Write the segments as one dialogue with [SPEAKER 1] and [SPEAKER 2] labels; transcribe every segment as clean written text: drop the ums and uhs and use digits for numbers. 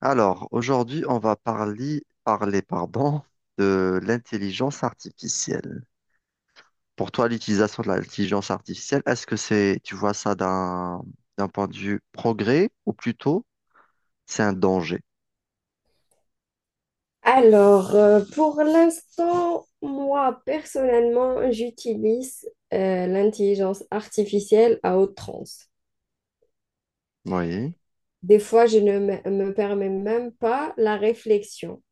[SPEAKER 1] Alors, aujourd'hui, on va parler, pardon, de l'intelligence artificielle. Pour toi, l'utilisation de l'intelligence artificielle, est-ce que tu vois ça d'un point de vue progrès ou plutôt c'est un danger?
[SPEAKER 2] Alors, pour l'instant, moi, personnellement, j'utilise l'intelligence artificielle à outrance.
[SPEAKER 1] Oui.
[SPEAKER 2] Des fois, je ne me permets même pas la réflexion.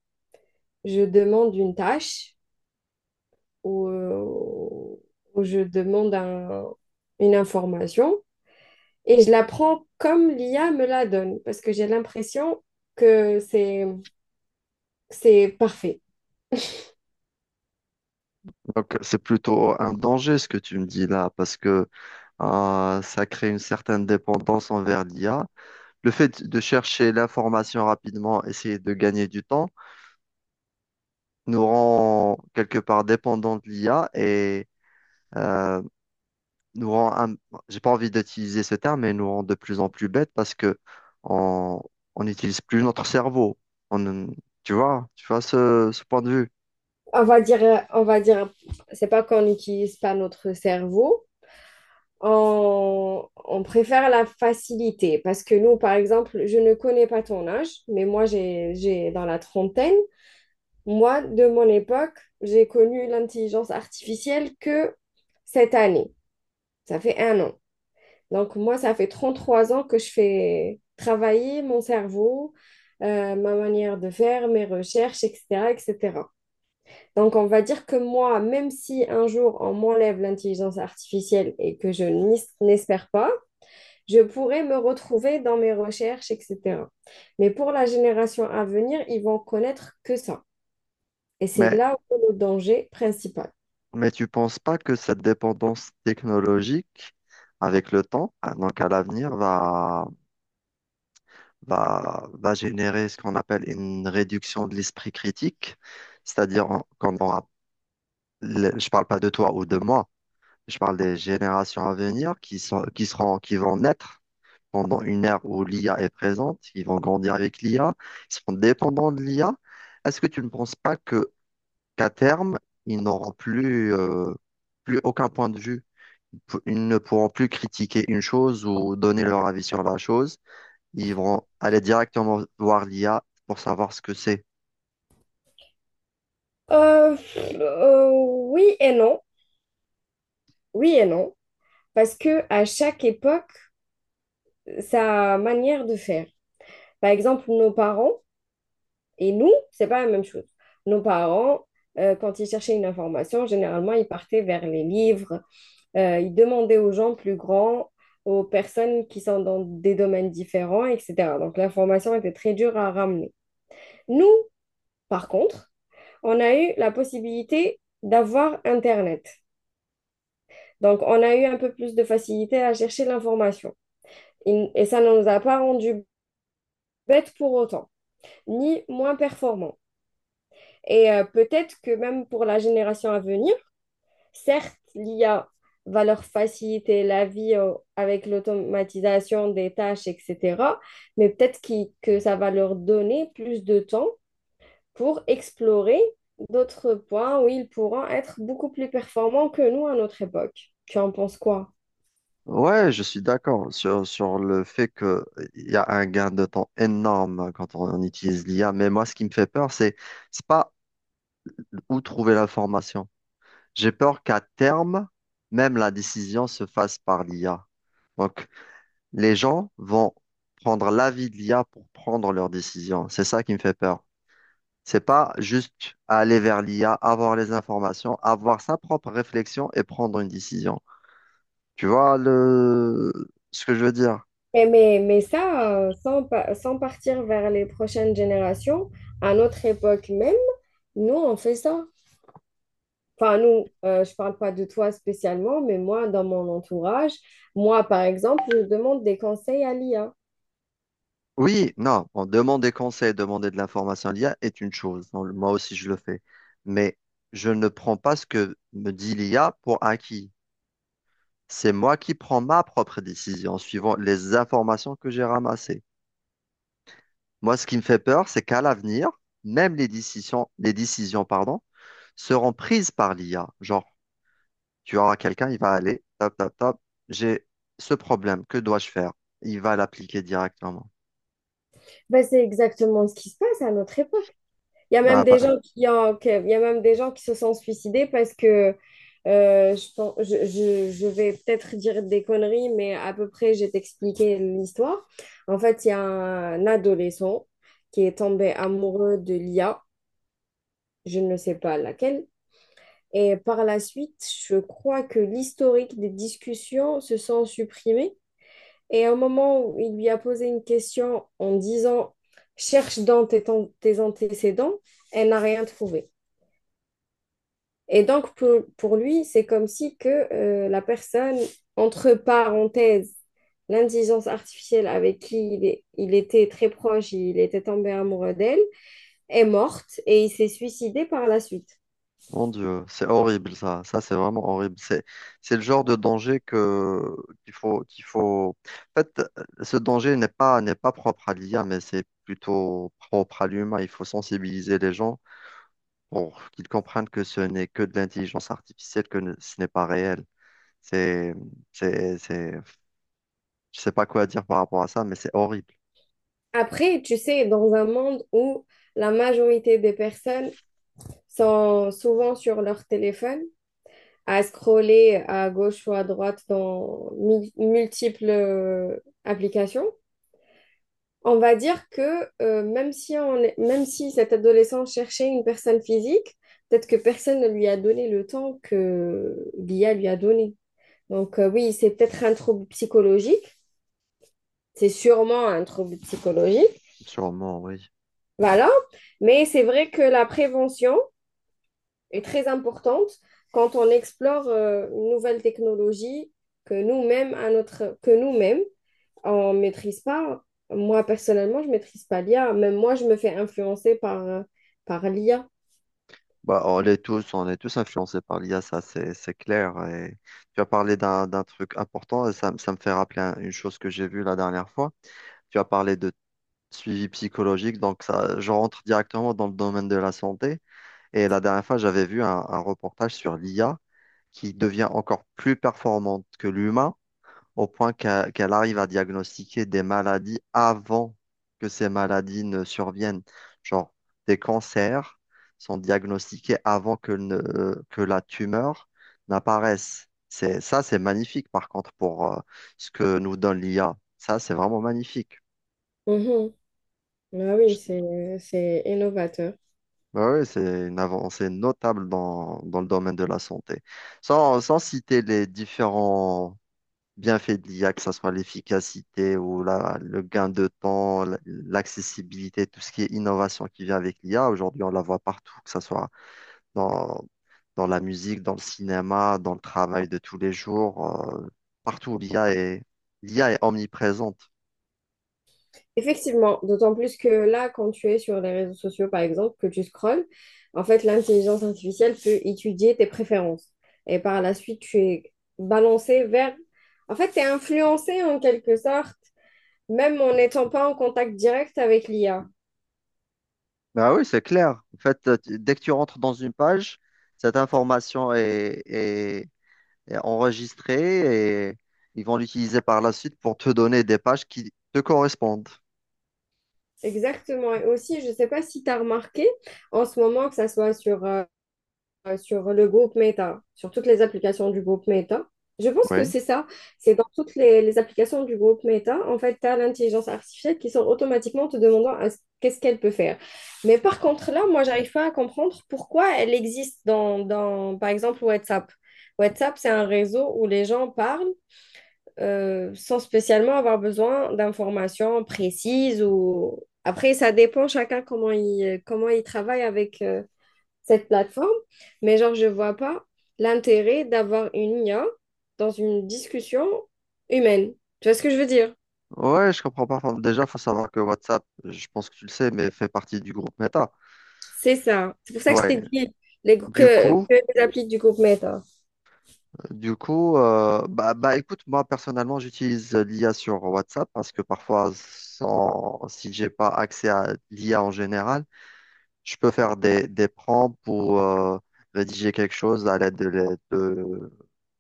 [SPEAKER 2] Je demande une tâche ou, euh, ou je demande une information et je la prends comme l'IA me la donne parce que j'ai l'impression que c'est parfait.
[SPEAKER 1] Donc, c'est plutôt un danger ce que tu me dis là, parce que ça crée une certaine dépendance envers l'IA. Le fait de chercher l'information rapidement, essayer de gagner du temps, nous rend quelque part dépendants de l'IA et euh, nous rend un- j'ai pas envie d'utiliser ce terme, mais nous rend de plus en plus bêtes parce que on on n'utilise plus notre cerveau. On, tu vois ce point de vue.
[SPEAKER 2] On va dire, c'est pas qu'on n'utilise pas notre cerveau, on préfère la facilité parce que nous, par exemple, je ne connais pas ton âge, mais moi, j'ai dans la trentaine. Moi, de mon époque, j'ai connu l'intelligence artificielle que cette année. Ça fait un an. Donc, moi, ça fait 33 ans que je fais travailler mon cerveau, ma manière de faire, mes recherches, etc., etc. Donc, on va dire que moi, même si un jour on m'enlève l'intelligence artificielle et que je n'espère pas, je pourrais me retrouver dans mes recherches, etc. Mais pour la génération à venir, ils vont connaître que ça. Et c'est
[SPEAKER 1] Mais
[SPEAKER 2] là où est le danger principal.
[SPEAKER 1] mais tu penses pas que cette dépendance technologique avec le temps, ah, donc à l'avenir, va générer ce qu'on appelle une réduction de l'esprit critique, c'est-à-dire qu'on aura, je parle pas de toi ou de moi, je parle des générations à venir qui seront, qui vont naître pendant une ère où l'IA est présente, ils vont grandir avec l'IA, ils seront dépendants de l'IA. Est-ce que tu ne penses pas que qu'à terme, ils n'auront plus aucun point de vue? Ils ne pourront plus critiquer une chose ou donner leur avis sur la chose. Ils vont aller directement voir l'IA pour savoir ce que c'est.
[SPEAKER 2] Euh, oui et non. Oui et non. Parce que à chaque époque, sa manière de faire. Par exemple, nos parents et nous, c'est pas la même chose. Nos parents, quand ils cherchaient une information, généralement, ils partaient vers les livres. Ils demandaient aux gens plus grands, aux personnes qui sont dans des domaines différents, etc. Donc l'information était très dure à ramener. Nous, par contre, on a eu la possibilité d'avoir Internet. Donc on a eu un peu plus de facilité à chercher l'information. Et ça ne nous a pas rendu bêtes pour autant, ni moins performants. Et peut-être que même pour la génération à venir, certes, l'IA va leur faciliter la vie avec l'automatisation des tâches, etc. Mais peut-être que ça va leur donner plus de temps pour explorer d'autres points où ils pourront être beaucoup plus performants que nous à notre époque. Tu en penses quoi?
[SPEAKER 1] Ouais, je suis d'accord sur le fait que il y a un gain de temps énorme quand on utilise l'IA, mais moi, ce qui me fait peur, c'est pas où trouver l'information. J'ai peur qu'à terme, même la décision se fasse par l'IA. Donc, les gens vont prendre l'avis de l'IA pour prendre leurs décisions. C'est ça qui me fait peur. C'est pas juste aller vers l'IA, avoir les informations, avoir sa propre réflexion et prendre une décision. Tu vois ce que je veux dire?
[SPEAKER 2] Mais ça, sans partir vers les prochaines générations, à notre époque même, nous, on fait ça. Enfin, nous, je parle pas de toi spécialement, mais moi, dans mon entourage, moi, par exemple, je demande des conseils à l'IA.
[SPEAKER 1] Oui, non, bon, demander conseil, demander de l'information à l'IA est une chose. Bon, moi aussi, je le fais. Mais je ne prends pas ce que me dit l'IA pour acquis. C'est moi qui prends ma propre décision en suivant les informations que j'ai ramassées. Moi, ce qui me fait peur, c'est qu'à l'avenir, même les décisions, pardon, seront prises par l'IA. Genre, tu auras quelqu'un, il va aller, top, top, top, j'ai ce problème, que dois-je faire? Il va l'appliquer directement.
[SPEAKER 2] Ben, c'est exactement ce qui se passe à notre époque. Il y a même
[SPEAKER 1] Bah,
[SPEAKER 2] des gens il y a même des gens qui se sont suicidés parce que je pense, je vais peut-être dire des conneries, mais à peu près, je vais t'expliquer l'histoire. En fait, il y a un adolescent qui est tombé amoureux de l'IA, je ne sais pas laquelle. Et par la suite, je crois que l'historique des discussions se sont supprimés. Et au moment où il lui a posé une question en disant, cherche dans tes antécédents, elle n'a rien trouvé. Et donc, pour lui, c'est comme si que la personne, entre parenthèses, l'intelligence artificielle avec qui il était très proche, il était tombé amoureux d'elle, est morte et il s'est suicidé par la suite.
[SPEAKER 1] mon Dieu, c'est horrible ça. Ça, c'est vraiment horrible. C'est le genre de danger que qu'il faut. En fait, ce danger n'est pas propre à l'IA, mais c'est plutôt propre à l'humain. Il faut sensibiliser les gens pour qu'ils comprennent que ce n'est que de l'intelligence artificielle, que ce n'est pas réel. C'est, c'est, c'est. Je sais pas quoi dire par rapport à ça, mais c'est horrible.
[SPEAKER 2] Après, tu sais, dans un monde où la majorité des personnes sont souvent sur leur téléphone, à scroller à gauche ou à droite dans multiples applications. On va dire que même si même si cet adolescent cherchait une personne physique, peut-être que personne ne lui a donné le temps que l'IA lui a donné. Donc oui, c'est peut-être un trouble psychologique. C'est sûrement un trouble psychologique.
[SPEAKER 1] Sûrement, oui.
[SPEAKER 2] Voilà. Mais c'est vrai que la prévention est très importante quand on explore une nouvelle technologie que nous-mêmes on maîtrise pas. Moi, personnellement, je maîtrise pas l'IA. Même moi, je me fais influencer par l'IA.
[SPEAKER 1] Bah, on est tous influencés par l'IA, ça c'est clair. Et tu as parlé d'un truc important et ça me fait rappeler une chose que j'ai vue la dernière fois. Tu as parlé de suivi psychologique, donc ça, je rentre directement dans le domaine de la santé. Et la dernière fois, j'avais vu un reportage sur l'IA qui devient encore plus performante que l'humain au point qu'elle arrive à diagnostiquer des maladies avant que ces maladies ne surviennent. Genre, des cancers sont diagnostiqués avant que, ne- que la tumeur n'apparaisse. Ça, c'est magnifique, par contre, pour ce que nous donne l'IA. Ça, c'est vraiment magnifique.
[SPEAKER 2] Mhm. Ah oui, c'est innovateur.
[SPEAKER 1] Bah oui, c'est une avancée notable dans, dans le domaine de la santé. Sans citer les différents bienfaits de l'IA, que ce soit l'efficacité ou le gain de temps, l'accessibilité, tout ce qui est innovation qui vient avec l'IA. Aujourd'hui, on la voit partout, que ce soit dans, dans la musique, dans le cinéma, dans le travail de tous les jours. Partout, l'IA est omniprésente.
[SPEAKER 2] Effectivement, d'autant plus que là, quand tu es sur les réseaux sociaux, par exemple, que tu scrolles, en fait, l'intelligence artificielle peut étudier tes préférences. Et par la suite, tu es balancé vers. En fait, tu es influencé en quelque sorte, même en n'étant pas en contact direct avec l'IA.
[SPEAKER 1] Bah oui, c'est clair. En fait, dès que tu rentres dans une page, cette information est enregistrée et ils vont l'utiliser par la suite pour te donner des pages qui te correspondent.
[SPEAKER 2] Exactement. Et aussi, je ne sais pas si tu as remarqué en ce moment, que ça soit sur le groupe Meta, sur toutes les applications du groupe Meta. Je pense que
[SPEAKER 1] Oui.
[SPEAKER 2] c'est ça. C'est dans toutes les applications du groupe Meta, en fait, tu as l'intelligence artificielle qui sort automatiquement te demandant qu'est-ce qu'elle peut faire. Mais par contre, là, moi, j'arrive pas à comprendre pourquoi elle existe dans, par exemple, WhatsApp. WhatsApp, c'est un réseau où les gens parlent sans spécialement avoir besoin d'informations précises ou. Après, ça dépend chacun comment il travaille avec cette plateforme, mais genre, je vois pas l'intérêt d'avoir une IA dans une discussion humaine. Tu vois ce que je veux dire?
[SPEAKER 1] Ouais, je comprends pas. Enfin, déjà, faut savoir que WhatsApp, je pense que tu le sais, mais fait partie du groupe Meta.
[SPEAKER 2] C'est ça. C'est pour ça que je
[SPEAKER 1] Ouais.
[SPEAKER 2] t'ai dit les,
[SPEAKER 1] Du
[SPEAKER 2] que, que
[SPEAKER 1] coup,
[SPEAKER 2] les applis du groupe Meta.
[SPEAKER 1] du coup, bah, écoute, moi personnellement, j'utilise l'IA sur WhatsApp parce que parfois, sans, si j'ai pas accès à l'IA en général, je peux faire des prompts pour rédiger quelque chose à l'aide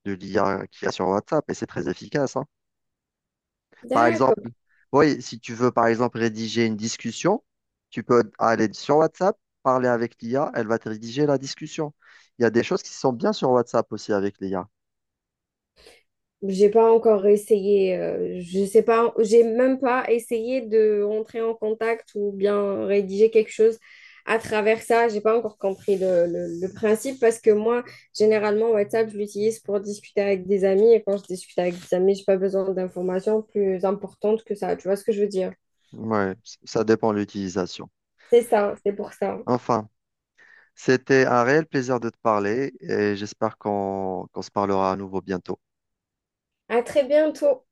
[SPEAKER 1] de l'IA qu'il y a sur WhatsApp et c'est très efficace. Hein. Par
[SPEAKER 2] D'accord.
[SPEAKER 1] exemple, oui, si tu veux, par exemple, rédiger une discussion, tu peux aller sur WhatsApp, parler avec l'IA, elle va te rédiger la discussion. Il y a des choses qui sont bien sur WhatsApp aussi avec l'IA.
[SPEAKER 2] J'ai pas encore essayé, je sais pas, j'ai même pas essayé de rentrer en contact ou bien rédiger quelque chose à travers ça. J'ai pas encore compris le principe parce que moi, généralement, WhatsApp, je l'utilise pour discuter avec des amis et quand je discute avec des amis, j'ai pas besoin d'informations plus importantes que ça. Tu vois ce que je veux dire?
[SPEAKER 1] Ouais, ça dépend de l'utilisation.
[SPEAKER 2] C'est ça, c'est pour ça.
[SPEAKER 1] Enfin, c'était un réel plaisir de te parler et j'espère qu'on se parlera à nouveau bientôt.
[SPEAKER 2] À très bientôt.